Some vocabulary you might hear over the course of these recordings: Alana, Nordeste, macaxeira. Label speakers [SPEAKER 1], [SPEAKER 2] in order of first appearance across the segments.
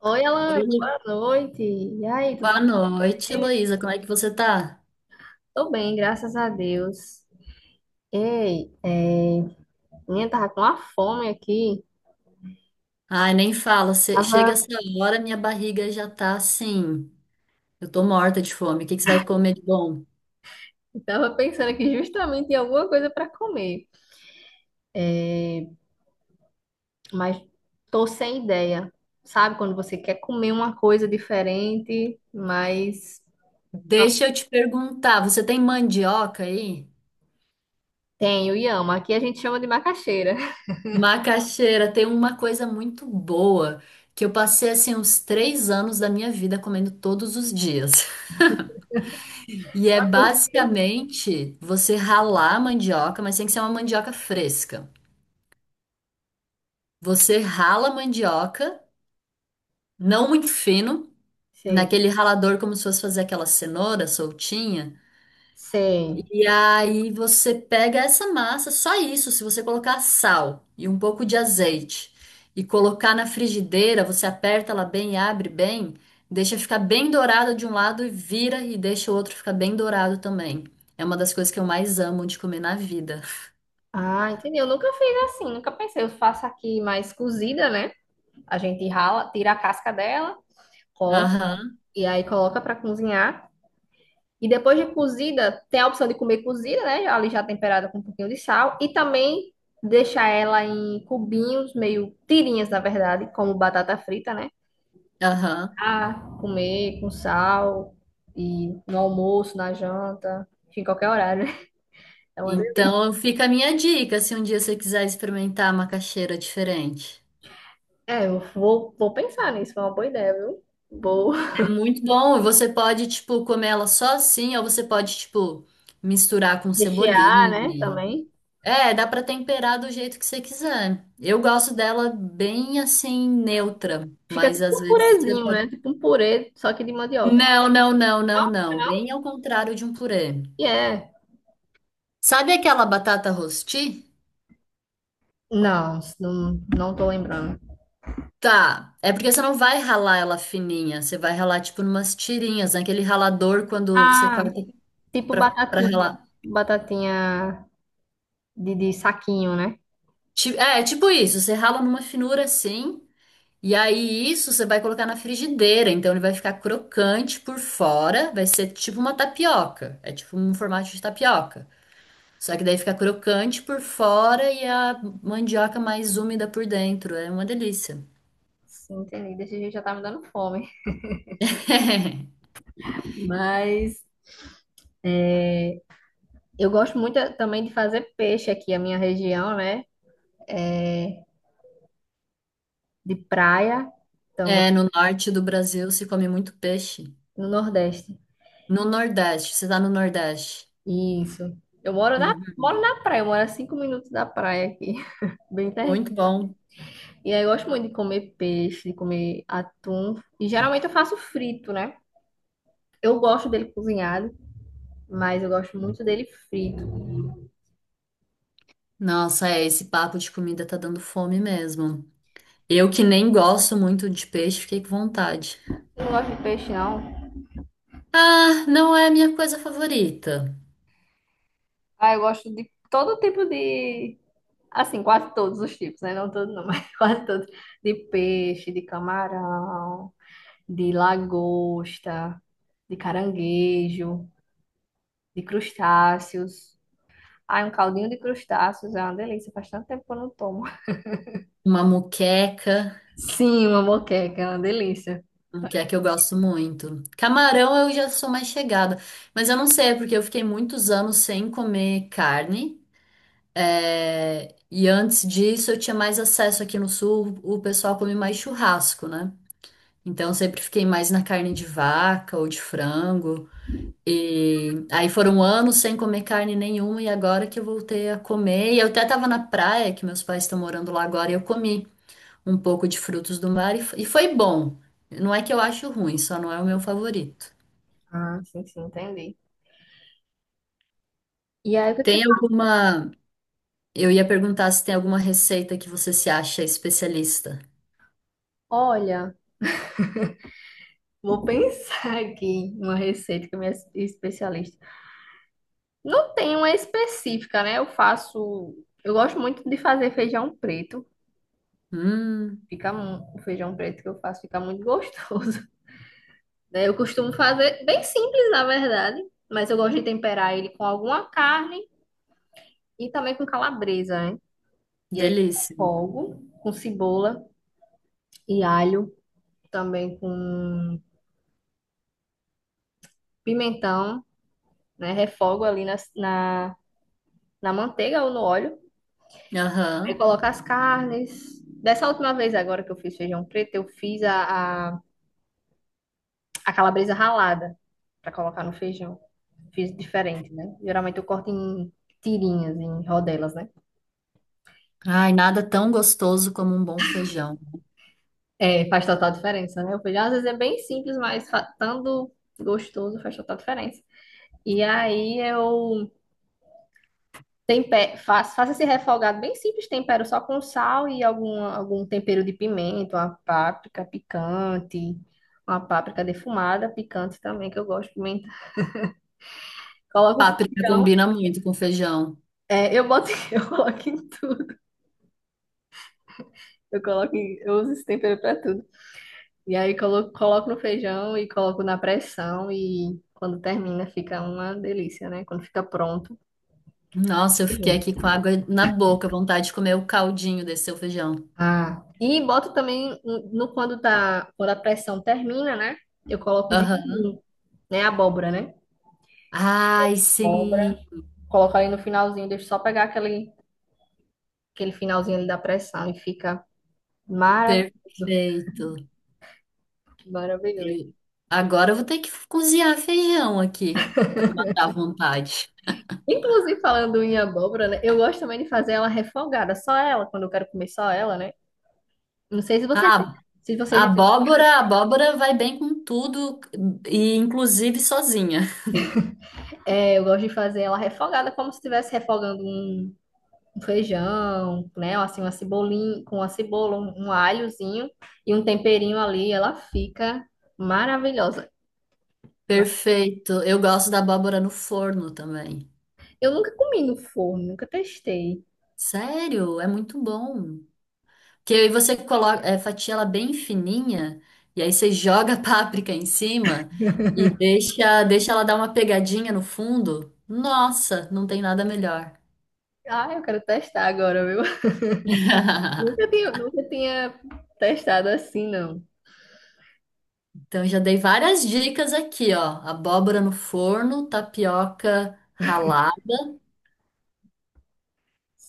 [SPEAKER 1] Oi,
[SPEAKER 2] Oi,
[SPEAKER 1] Alana, boa noite. E aí,
[SPEAKER 2] Boa
[SPEAKER 1] tudo
[SPEAKER 2] noite,
[SPEAKER 1] bem?
[SPEAKER 2] Heloísa. Como é que você tá?
[SPEAKER 1] Tô bem, graças a Deus. Ei, é... minha tava com uma fome aqui.
[SPEAKER 2] Ai, nem fala.
[SPEAKER 1] Tava,
[SPEAKER 2] Chega essa hora, minha barriga já tá assim. Eu tô morta de fome. O que que você vai comer de bom?
[SPEAKER 1] tava pensando aqui justamente em alguma coisa para comer, mas tô sem ideia. Sabe quando você quer comer uma coisa diferente, mas não,
[SPEAKER 2] Deixa eu te perguntar, você tem mandioca aí?
[SPEAKER 1] tenho e amo. Aqui a gente chama de macaxeira.
[SPEAKER 2] Macaxeira, tem uma coisa muito boa que eu passei assim uns 3 anos da minha vida comendo todos os dias. E é
[SPEAKER 1] Só por-
[SPEAKER 2] basicamente você ralar a mandioca, mas tem que ser uma mandioca fresca. Você rala a mandioca, não muito fino,
[SPEAKER 1] Sei,
[SPEAKER 2] naquele ralador como se fosse fazer aquela cenoura soltinha.
[SPEAKER 1] sei.
[SPEAKER 2] E aí você pega essa massa, só isso, se você colocar sal e um pouco de azeite e colocar na frigideira, você aperta ela bem e abre bem, deixa ficar bem dourado de um lado e vira e deixa o outro ficar bem dourado também. É uma das coisas que eu mais amo de comer na vida.
[SPEAKER 1] Ah, entendi. Eu nunca fiz assim, nunca pensei. Eu faço aqui mais cozida, né? A gente rala, tira a casca dela, corta
[SPEAKER 2] Aham,
[SPEAKER 1] e aí coloca para cozinhar. E depois de cozida, tem a opção de comer cozida, né? Ali já temperada com um pouquinho de sal. E também deixar ela em cubinhos, meio tirinhas, na verdade, como batata frita, né?
[SPEAKER 2] aham.
[SPEAKER 1] Ah, comer com sal e no almoço, na janta, enfim, qualquer horário, né? É uma delícia.
[SPEAKER 2] Então fica a minha dica, se um dia você quiser experimentar a macaxeira diferente.
[SPEAKER 1] É, eu vou pensar nisso, foi uma boa ideia, viu? Vou
[SPEAKER 2] É muito bom. E você pode, tipo, comer ela só assim, ou você pode, tipo, misturar com
[SPEAKER 1] rechear, né,
[SPEAKER 2] cebolinha.
[SPEAKER 1] também.
[SPEAKER 2] É, dá pra temperar do jeito que você quiser. Eu gosto dela bem assim, neutra,
[SPEAKER 1] Fica
[SPEAKER 2] mas
[SPEAKER 1] tipo
[SPEAKER 2] às
[SPEAKER 1] um
[SPEAKER 2] vezes você
[SPEAKER 1] purezinho,
[SPEAKER 2] pode.
[SPEAKER 1] né? Tipo um purê, só que de mandioca.
[SPEAKER 2] Não, não, não, não, não.
[SPEAKER 1] Não?
[SPEAKER 2] Bem ao contrário de um purê.
[SPEAKER 1] E é.
[SPEAKER 2] Sabe aquela batata rosti?
[SPEAKER 1] Não, não, não tô lembrando.
[SPEAKER 2] Tá. É porque você não vai ralar ela fininha. Você vai ralar, tipo, numas tirinhas, naquele ralador quando você
[SPEAKER 1] Ah,
[SPEAKER 2] corta
[SPEAKER 1] tipo
[SPEAKER 2] pra, pra
[SPEAKER 1] batatinha.
[SPEAKER 2] ralar.
[SPEAKER 1] Batatinha de saquinho, né?
[SPEAKER 2] É, tipo isso. Você rala numa finura assim. E aí, isso você vai colocar na frigideira, então ele vai ficar crocante por fora, vai ser tipo uma tapioca, é tipo um formato de tapioca. Só que daí fica crocante por fora e a mandioca mais úmida por dentro, é uma delícia.
[SPEAKER 1] Sim, entendi. Desse jeito já tá me dando fome. Mas eu gosto muito também de fazer peixe aqui, a minha região, né? É, de praia. Então,
[SPEAKER 2] É, no norte do Brasil se come muito peixe.
[SPEAKER 1] no Nordeste.
[SPEAKER 2] No Nordeste, você tá no Nordeste.
[SPEAKER 1] Isso. Eu
[SPEAKER 2] Uhum.
[SPEAKER 1] moro na praia, eu moro a 5 minutos da praia aqui. Bem perto.
[SPEAKER 2] Muito bom.
[SPEAKER 1] E aí eu gosto muito de comer peixe, de comer atum. E geralmente eu faço frito, né? Eu gosto dele cozinhado, mas eu gosto muito dele frito.
[SPEAKER 2] Nossa, é, esse papo de comida tá dando fome mesmo. Eu que nem gosto muito de peixe, fiquei com vontade.
[SPEAKER 1] Eu não gosto de peixe, não.
[SPEAKER 2] Ah, não é a minha coisa favorita.
[SPEAKER 1] Ah, eu gosto de todo tipo de. Assim, quase todos os tipos, né? Não todos, não, mas quase todos. De peixe, de camarão, de lagosta, de caranguejo, de crustáceos. Ai, um caldinho de crustáceos é uma delícia. Faz tanto tempo que eu não tomo.
[SPEAKER 2] Uma moqueca,
[SPEAKER 1] Sim, uma moqueca é uma delícia.
[SPEAKER 2] moqueca eu gosto muito. Camarão eu já sou mais chegada, mas eu não sei, é porque eu fiquei muitos anos sem comer carne. E antes disso eu tinha mais acesso aqui no sul, o pessoal come mais churrasco, né? Então eu sempre fiquei mais na carne de vaca ou de frango. E aí foram anos sem comer carne nenhuma e agora que eu voltei a comer, e eu até tava na praia, que meus pais estão morando lá agora, e eu comi um pouco de frutos do mar e foi bom. Não é que eu acho ruim, só não é o meu favorito.
[SPEAKER 1] Ah, sim, sim, entendi. E aí, o que que você
[SPEAKER 2] Tem
[SPEAKER 1] tá?
[SPEAKER 2] alguma. Eu ia perguntar se tem alguma receita que você se acha especialista.
[SPEAKER 1] Olha, vou pensar aqui em uma receita que a minha especialista. Não tem uma específica, né? Eu faço. Eu gosto muito de fazer feijão preto.
[SPEAKER 2] Hum,
[SPEAKER 1] O feijão preto que eu faço fica muito gostoso. né? Eu costumo fazer bem simples, na verdade, mas eu gosto de temperar ele com alguma carne e também com calabresa, né? E aí,
[SPEAKER 2] delícia.
[SPEAKER 1] fogo com cebola e alho, também com pimentão. Né? Refogo ali na manteiga ou no óleo. Aí
[SPEAKER 2] Aham.
[SPEAKER 1] coloco as carnes. Dessa última vez agora que eu fiz feijão preto, eu fiz a calabresa ralada para colocar no feijão. Fiz diferente, né? Geralmente eu corto em tirinhas, em rodelas, né?
[SPEAKER 2] Ai, nada tão gostoso como um bom feijão.
[SPEAKER 1] É, faz total diferença, né? O feijão às vezes é bem simples, mas estando gostoso faz total diferença. E aí eu Tempe... faz faça esse refogado bem simples, tempero só com sal e algum tempero de pimenta, uma páprica picante, uma páprica defumada, picante também, que eu gosto de pimenta. Coloco o
[SPEAKER 2] Páprica
[SPEAKER 1] feijão,
[SPEAKER 2] combina muito com feijão.
[SPEAKER 1] eu boto, eu coloco em tudo, eu eu uso esse tempero para tudo. E aí coloco no feijão e coloco na pressão e quando termina fica uma delícia, né? Quando fica pronto.
[SPEAKER 2] Nossa, eu fiquei
[SPEAKER 1] Maravilhoso.
[SPEAKER 2] aqui com água na boca, vontade de comer o caldinho desse seu feijão.
[SPEAKER 1] Ah, e boto também quando tá, quando a pressão termina, né? Eu coloco o
[SPEAKER 2] Aham.
[SPEAKER 1] gengibre. Né? Abóbora, né?
[SPEAKER 2] Ai,
[SPEAKER 1] Abóbora.
[SPEAKER 2] sim.
[SPEAKER 1] Coloca ali no finalzinho, deixa só pegar aquele finalzinho ali da pressão e fica maravilhoso,
[SPEAKER 2] Perfeito.
[SPEAKER 1] maravilhoso.
[SPEAKER 2] Eu- Agora eu vou ter que cozinhar feijão aqui, matar à vontade.
[SPEAKER 1] Inclusive, falando em abóbora, né? Eu gosto também de fazer ela refogada, só ela, quando eu quero comer só ela, né? Não sei
[SPEAKER 2] A
[SPEAKER 1] se você já.
[SPEAKER 2] a abóbora vai bem com tudo, e inclusive sozinha.
[SPEAKER 1] É, eu gosto de fazer ela refogada, como se estivesse refogando um feijão, né? Ou assim, uma cebolinha, com uma cebola, um alhozinho e um temperinho ali, ela fica maravilhosa. Ma-
[SPEAKER 2] Perfeito. Eu gosto da abóbora no forno também.
[SPEAKER 1] Eu nunca comi no forno, nunca testei.
[SPEAKER 2] Sério, é muito bom. Que aí você coloca, é, fatia ela bem fininha, e aí você joga a páprica em cima e deixa ela dar uma pegadinha no fundo. Nossa, não tem nada melhor.
[SPEAKER 1] Ah, eu quero testar agora, viu? Nunca tinha testado assim, não.
[SPEAKER 2] Então, eu já dei várias dicas aqui, ó. Abóbora no forno, tapioca ralada.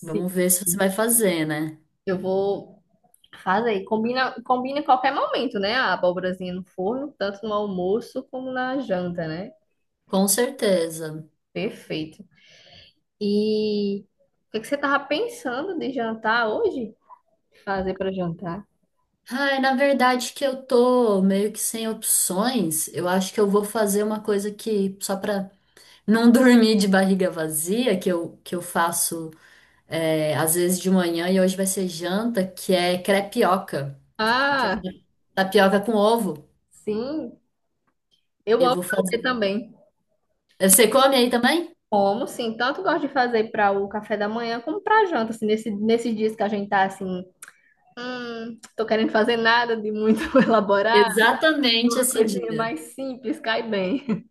[SPEAKER 2] Vamos ver se você vai fazer, né?
[SPEAKER 1] Eu vou fazer. Combina em qualquer momento, né? A abóborazinha no forno, tanto no almoço como na janta, né?
[SPEAKER 2] Com certeza.
[SPEAKER 1] Perfeito. E o que é que você tava pensando de jantar hoje? Fazer para jantar?
[SPEAKER 2] Ai, na verdade que eu tô meio que sem opções. Eu acho que eu vou fazer uma coisa que, só pra não dormir de barriga vazia, que eu faço, é, às vezes de manhã e hoje vai ser janta, que é crepioca, que é
[SPEAKER 1] Ah,
[SPEAKER 2] tapioca com ovo.
[SPEAKER 1] sim. Eu
[SPEAKER 2] Eu
[SPEAKER 1] amo
[SPEAKER 2] vou fazer.
[SPEAKER 1] fazer também.
[SPEAKER 2] Você come aí também?
[SPEAKER 1] Como, sim. Tanto gosto de fazer para o café da manhã como para janta, assim, nesses dias que a gente tá assim. Tô querendo fazer nada de muito elaborado,
[SPEAKER 2] Exatamente
[SPEAKER 1] uma
[SPEAKER 2] esse
[SPEAKER 1] coisinha
[SPEAKER 2] dia.
[SPEAKER 1] mais simples, cai bem.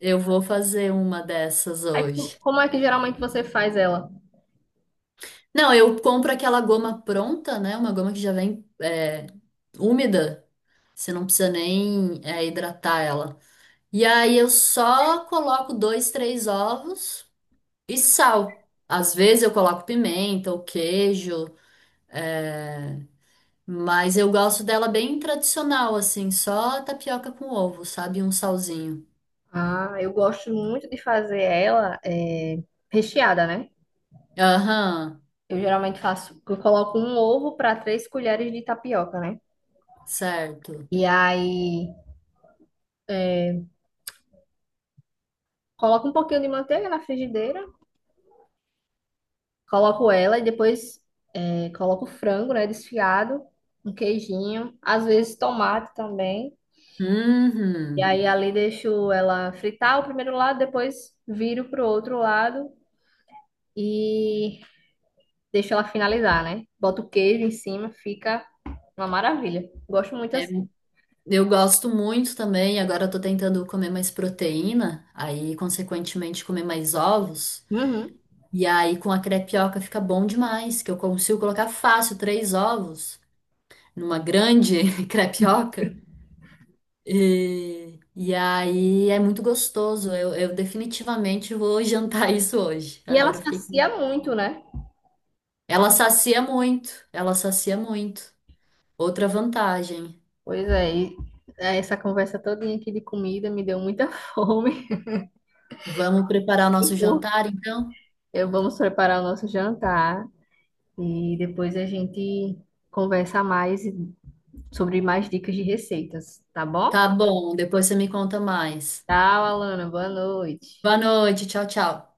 [SPEAKER 2] Eu vou fazer uma dessas
[SPEAKER 1] Aí,
[SPEAKER 2] hoje.
[SPEAKER 1] como é que geralmente você faz ela?
[SPEAKER 2] Não, eu compro aquela goma pronta, né? Uma goma que já vem, é, úmida. Você não precisa nem, é, hidratar ela. E aí eu só coloco dois, três ovos e sal. Às vezes eu coloco pimenta ou queijo, é, mas eu gosto dela bem tradicional, assim, só tapioca com ovo, sabe? Um salzinho.
[SPEAKER 1] Ah, eu gosto muito de fazer ela recheada, né?
[SPEAKER 2] Aham,
[SPEAKER 1] Eu geralmente faço, eu coloco um ovo para 3 colheres de tapioca, né?
[SPEAKER 2] certo.
[SPEAKER 1] E aí, coloco um pouquinho de manteiga na frigideira, coloco ela e depois coloco frango, né, desfiado, um queijinho, às vezes tomate também. E
[SPEAKER 2] Uhum. É,
[SPEAKER 1] aí ali deixo ela fritar o primeiro lado, depois viro pro outro lado e deixo ela finalizar, né? Boto o queijo em cima, fica uma maravilha. Gosto muito assim.
[SPEAKER 2] eu gosto muito também, agora eu tô tentando comer mais proteína, aí consequentemente comer mais ovos.
[SPEAKER 1] Uhum.
[SPEAKER 2] E aí com a crepioca fica bom demais, que eu consigo colocar fácil três ovos numa grande crepioca. E aí é muito gostoso. Eu definitivamente vou jantar isso hoje.
[SPEAKER 1] E ela
[SPEAKER 2] Agora eu fiquei.
[SPEAKER 1] sacia muito, né?
[SPEAKER 2] Ela sacia muito, ela sacia muito. Outra vantagem.
[SPEAKER 1] Pois é, e essa conversa todinha aqui de comida me deu muita fome.
[SPEAKER 2] Vamos preparar o nosso jantar, então?
[SPEAKER 1] Eu vamos preparar o nosso jantar e depois a gente conversa mais sobre mais dicas de receitas, tá bom?
[SPEAKER 2] Tá bom, depois você me conta mais.
[SPEAKER 1] Tchau, Alana. Boa noite.
[SPEAKER 2] Boa noite, tchau, tchau.